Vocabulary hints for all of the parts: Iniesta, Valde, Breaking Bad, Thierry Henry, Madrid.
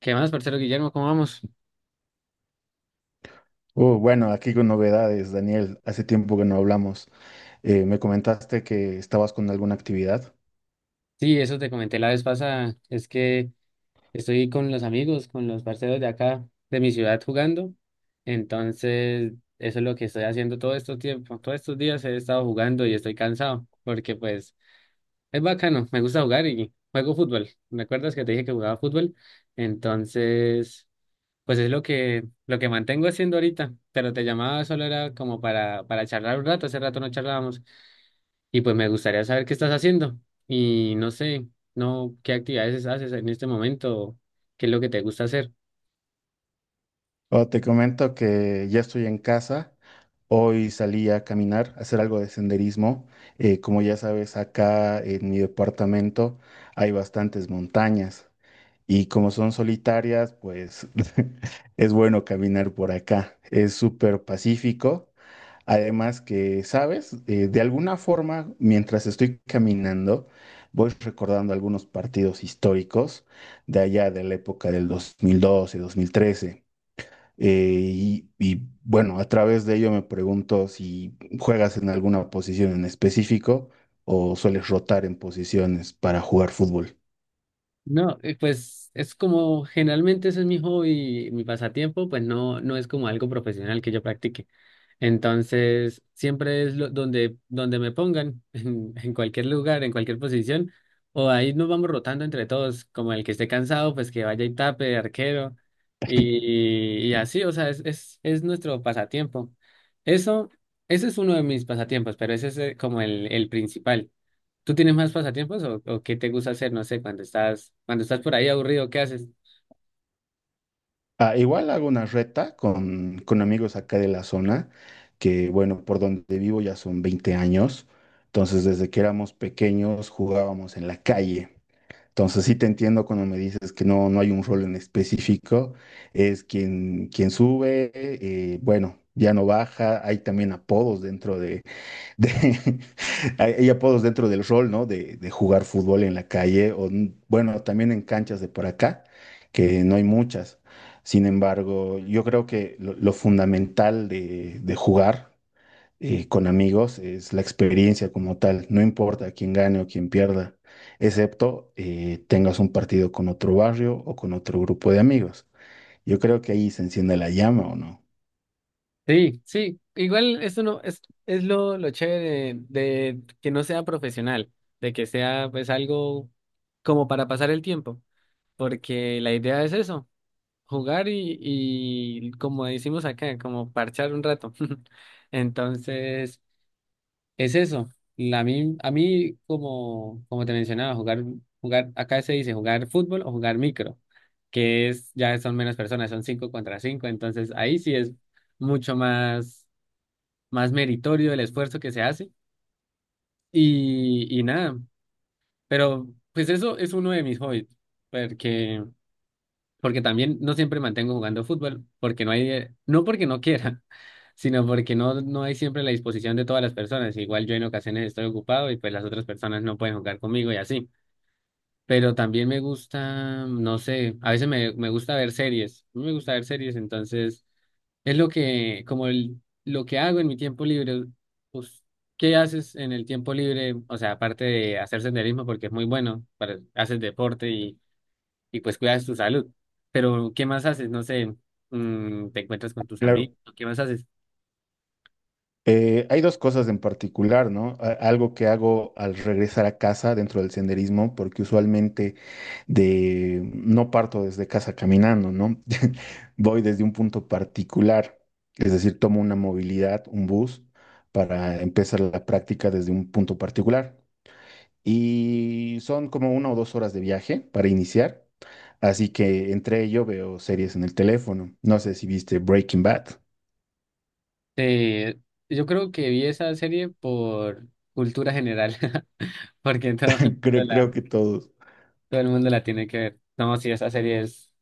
¿Qué más, parcero Guillermo? ¿Cómo vamos? Bueno, aquí con novedades, Daniel. Hace tiempo que no hablamos. Me comentaste que estabas con alguna actividad. Sí, eso te comenté la vez pasada. Es que estoy con los amigos, con los parceros de acá, de mi ciudad jugando. Entonces, eso es lo que estoy haciendo todo estos tiempos. Todos estos días he estado jugando y estoy cansado porque pues es bacano, me gusta jugar y juego fútbol. ¿Me acuerdas que te dije que jugaba fútbol? Entonces, pues es lo que mantengo haciendo ahorita, pero te llamaba solo era como para charlar un rato, hace rato no charlábamos. Y pues me gustaría saber qué estás haciendo y no sé, no, qué actividades haces en este momento, qué es lo que te gusta hacer. Oh, te comento que ya estoy en casa. Hoy salí a caminar, a hacer algo de senderismo. Como ya sabes, acá en mi departamento hay bastantes montañas. Y como son solitarias, pues es bueno caminar por acá. Es súper pacífico. Además que, ¿sabes? De alguna forma, mientras estoy caminando, voy recordando algunos partidos históricos de allá de la época del 2012, 2013. Y bueno, a través de ello me pregunto si juegas en alguna posición en específico o sueles rotar en posiciones para jugar fútbol. No, pues es como generalmente ese es mi hobby, mi pasatiempo, pues no, no es como algo profesional que yo practique. Entonces, siempre es donde me pongan, en cualquier lugar, en cualquier posición, o ahí nos vamos rotando entre todos, como el que esté cansado, pues que vaya y tape de arquero, y así, o sea, es nuestro pasatiempo. Eso, ese es uno de mis pasatiempos, pero ese es como el principal. ¿Tú tienes más pasatiempos o qué te gusta hacer? No sé, cuando estás por ahí aburrido, ¿qué haces? Ah, igual hago una reta con amigos acá de la zona, que bueno, por donde vivo ya son 20 años, entonces desde que éramos pequeños jugábamos en la calle. Entonces sí te entiendo cuando me dices que no, no hay un rol en específico, es quien sube, bueno, ya no baja, hay también apodos de- hay hay apodos dentro del rol, ¿no? De jugar fútbol en la calle o, bueno, también en canchas de por acá, que no hay muchas. Sin embargo, yo creo que lo fundamental de jugar con amigos es la experiencia como tal. No importa quién gane o quién pierda, excepto tengas un partido con otro barrio o con otro grupo de amigos. Yo creo que ahí se enciende la llama, ¿o no? Sí, sí, igual esto no es, es lo chévere de que no sea profesional, de que sea pues algo como para pasar el tiempo, porque la idea es eso, jugar y como decimos acá, como parchar un rato. Entonces, es eso. La mí a mí, como te mencionaba, jugar, acá se dice jugar fútbol o jugar micro, que es, ya son menos personas, son cinco contra cinco, entonces ahí sí es mucho más meritorio el esfuerzo que se hace y nada, pero pues eso es uno de mis hobbies, porque porque también no siempre mantengo jugando fútbol, porque no hay, no porque no quiera, sino porque no hay siempre la disposición de todas las personas. Igual yo en ocasiones estoy ocupado y pues las otras personas no pueden jugar conmigo y así. Pero también me gusta, no sé, a veces me gusta ver series, me gusta ver series, entonces es lo que hago en mi tiempo libre, pues, ¿qué haces en el tiempo libre? O sea, aparte de hacer senderismo, porque es muy bueno, para, haces deporte y pues cuidas tu salud. Pero, ¿qué más haces? No sé, te encuentras con tus Claro. amigos, ¿qué más haces? Hay dos cosas en particular, ¿no? Algo que hago al regresar a casa dentro del senderismo, porque usualmente de no parto desde casa caminando, ¿no? Voy desde un punto particular, es decir, tomo una movilidad, un bus, para empezar la práctica desde un punto particular. Y son como una o dos horas de viaje para iniciar, así que entre ello veo series en el teléfono. No sé si viste Breaking Bad, Eh, yo creo que vi esa serie por cultura general, porque creo, la, creo que todos todo el mundo la tiene que ver. No, sí, esa serie es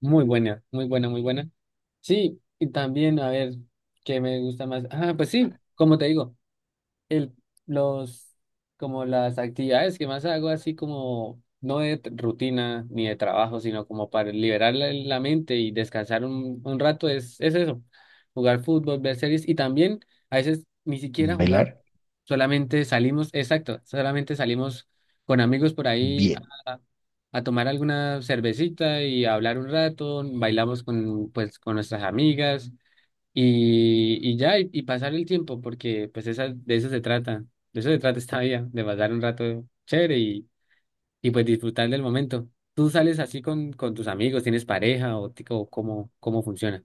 muy buena, muy buena, muy buena. Sí, y también, a ver, ¿qué me gusta más? Ah, pues sí, como te digo. el, los, como las actividades que más hago, así como no de rutina ni de trabajo, sino como para liberar la mente y descansar un rato, es eso, jugar fútbol, ver series y también a veces ni siquiera jugamos, bailar. solamente salimos, exacto, solamente salimos con amigos por ahí Bien. a, a tomar alguna cervecita y a hablar un rato, bailamos con nuestras amigas y ya, y pasar el tiempo, porque pues de eso se trata esta vida, de pasar un rato chévere y pues disfrutar del momento. ¿Tú sales así con tus amigos, tienes pareja o cómo funciona?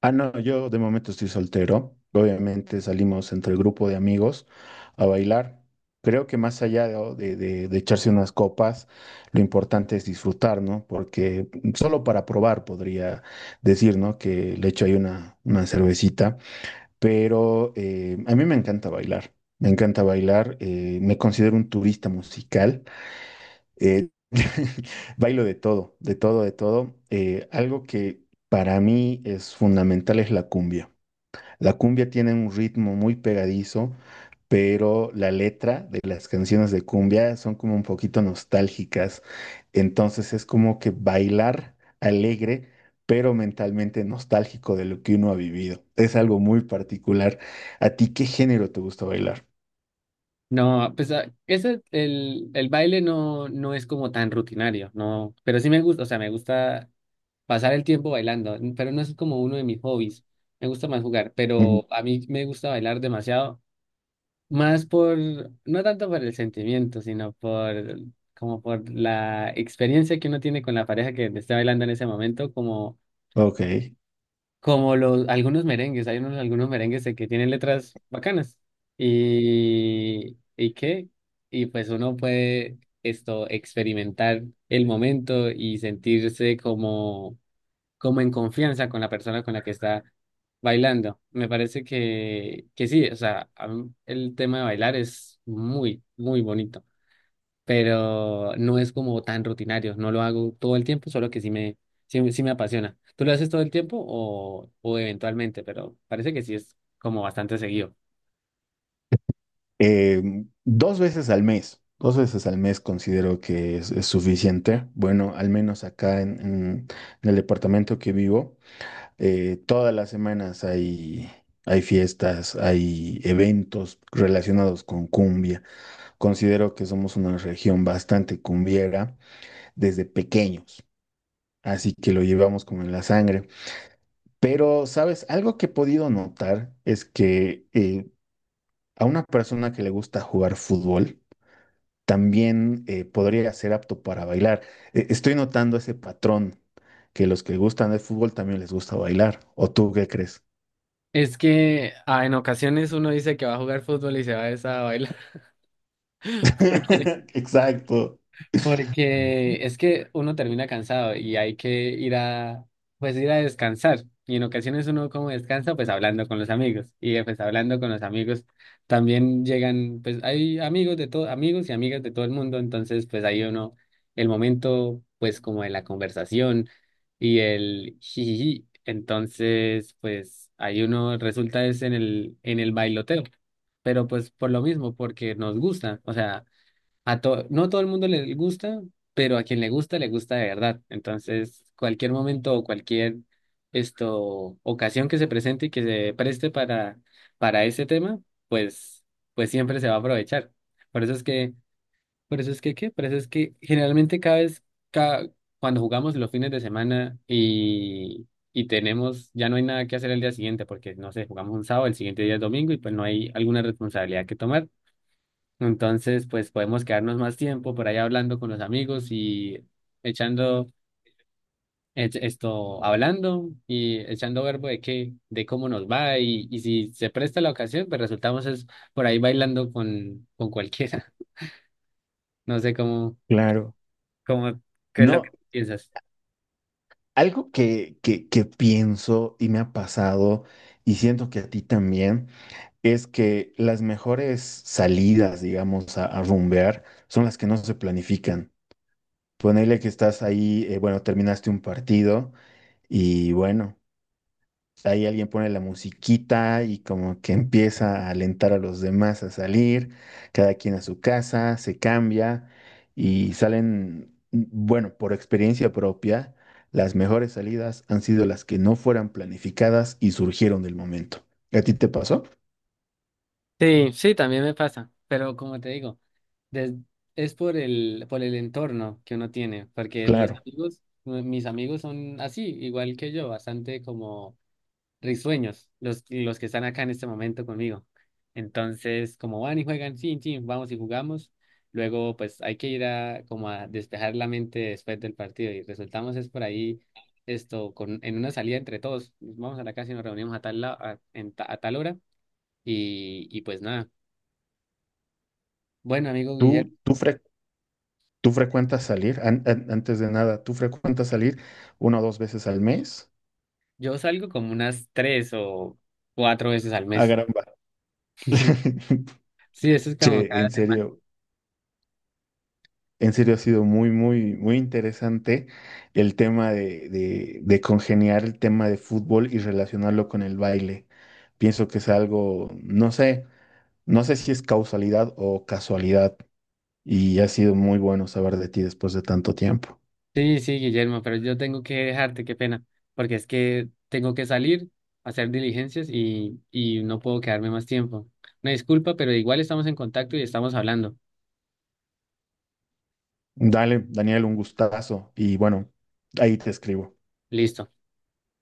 Ah, no, yo de momento estoy soltero. Obviamente salimos entre el grupo de amigos a bailar. Creo que más allá de echarse unas copas, lo importante es disfrutar, ¿no? Porque solo para probar podría decir, ¿no? Que le echo ahí una cervecita. Pero a mí me encanta bailar. Me encanta bailar. Me considero un turista musical. Eh, bailo de todo, de todo, de todo. Algo que para mí es fundamental es la cumbia. La cumbia tiene un ritmo muy pegadizo, pero la letra de las canciones de cumbia son como un poquito nostálgicas. Entonces es como que bailar alegre, pero mentalmente nostálgico de lo que uno ha vivido. Es algo muy particular. ¿A ti qué género te gusta bailar? No, pues el baile no es como tan rutinario, no, pero sí me gusta, o sea, me gusta pasar el tiempo bailando, pero no es como uno de mis hobbies, me gusta más jugar, Ujú. pero a mí me gusta bailar demasiado. Más por, no tanto por el sentimiento, sino por, como por la experiencia que uno tiene con la pareja que te está bailando en ese momento, como, Ok. como algunos merengues, hay algunos merengues de que tienen letras bacanas. ¿Y qué? Y pues uno puede experimentar el momento y sentirse como en confianza con la persona con la que está bailando. Me parece que sí, o sea, a mí el tema de bailar es muy, muy bonito, pero no es como tan rutinario, no lo hago todo el tiempo, solo que sí, sí me apasiona. ¿Tú lo haces todo el tiempo o eventualmente? Pero parece que sí es como bastante seguido. Dos veces al mes, dos veces al mes considero que es suficiente. Bueno, al menos acá en el departamento que vivo, todas las semanas hay, hay fiestas, hay eventos relacionados con cumbia. Considero que somos una región bastante cumbiera desde pequeños. Así que lo llevamos como en la sangre. Pero, ¿sabes? Algo que he podido notar es que a una persona que le gusta jugar fútbol, también podría ser apto para bailar. Estoy notando ese patrón, que los que gustan del fútbol también les gusta bailar. ¿O tú qué crees? Es que en ocasiones uno dice que va a jugar fútbol y se va a bailar, porque Exacto. Porque es que uno termina cansado y hay que ir pues ir a descansar. Y en ocasiones uno como descansa, pues hablando con los amigos. Y pues hablando con los amigos también llegan, pues hay amigos de todo, amigos y amigas de todo el mundo. Entonces, pues ahí uno, el momento, pues como de la conversación y el jijiji. Entonces, pues ahí uno resulta es en el bailoteo. Pero pues por lo mismo, porque nos gusta. O sea. No todo el mundo le gusta, pero a quien le gusta de verdad. Entonces, cualquier momento o cualquier ocasión que se presente y que se preste para ese tema, pues, pues siempre se va a aprovechar. Por eso es que, por eso es que, ¿qué? Por eso es que generalmente ca- cuando jugamos los fines de semana y tenemos, ya no hay nada que hacer el día siguiente, porque no sé, jugamos un sábado, el siguiente día es domingo y pues no hay alguna responsabilidad que tomar. Entonces, pues podemos quedarnos más tiempo por ahí hablando con los amigos y echando hablando y echando verbo de cómo nos va y si se presta la ocasión, pues resultamos es por ahí bailando con cualquiera. No sé Claro. cómo, qué es lo que No, piensas. algo que pienso y me ha pasado, y siento que a ti también, es que las mejores salidas, digamos, a rumbear son las que no se planifican. Ponele que estás ahí, bueno, terminaste un partido y bueno. Ahí alguien pone la musiquita y como que empieza a alentar a los demás a salir, cada quien a su casa, se cambia y salen, bueno, por experiencia propia, las mejores salidas han sido las que no fueran planificadas y surgieron del momento. ¿A ti te pasó? Sí, sí, también me pasa, pero como te digo, des- es por el entorno que uno tiene, porque los Claro. amigos, mis amigos son así, igual que yo, bastante como risueños, los que están acá en este momento conmigo. Entonces, como van y juegan, sí, sí, vamos y jugamos. Luego, pues hay que ir a como a despejar la mente después del partido y resultamos es por ahí esto con en una salida entre todos. Vamos a la casa y nos reunimos a tal la- a, en ta- a tal hora y pues nada. Bueno, amigo Guillermo, ¿Tú, tú, fre- Tú frecuentas salir? Antes de nada, ¿tú frecuentas salir una o dos veces al mes? yo salgo como unas tres o cuatro veces al A mes. caramba. Sí, eso es como Che, cada en semana. serio. En serio, ha sido muy, muy, muy interesante el tema de congeniar el tema de fútbol y relacionarlo con el baile. Pienso que es algo, no sé, no sé si es causalidad o casualidad. Y ha sido muy bueno saber de ti después de tanto tiempo. Sí, sí, Guillermo, pero yo tengo que dejarte, qué pena, porque es que tengo que salir a hacer diligencias y no puedo quedarme más tiempo. Una disculpa, pero igual estamos en contacto y estamos hablando. Dale, Daniel, un gustazo. Y bueno, ahí te escribo. Listo.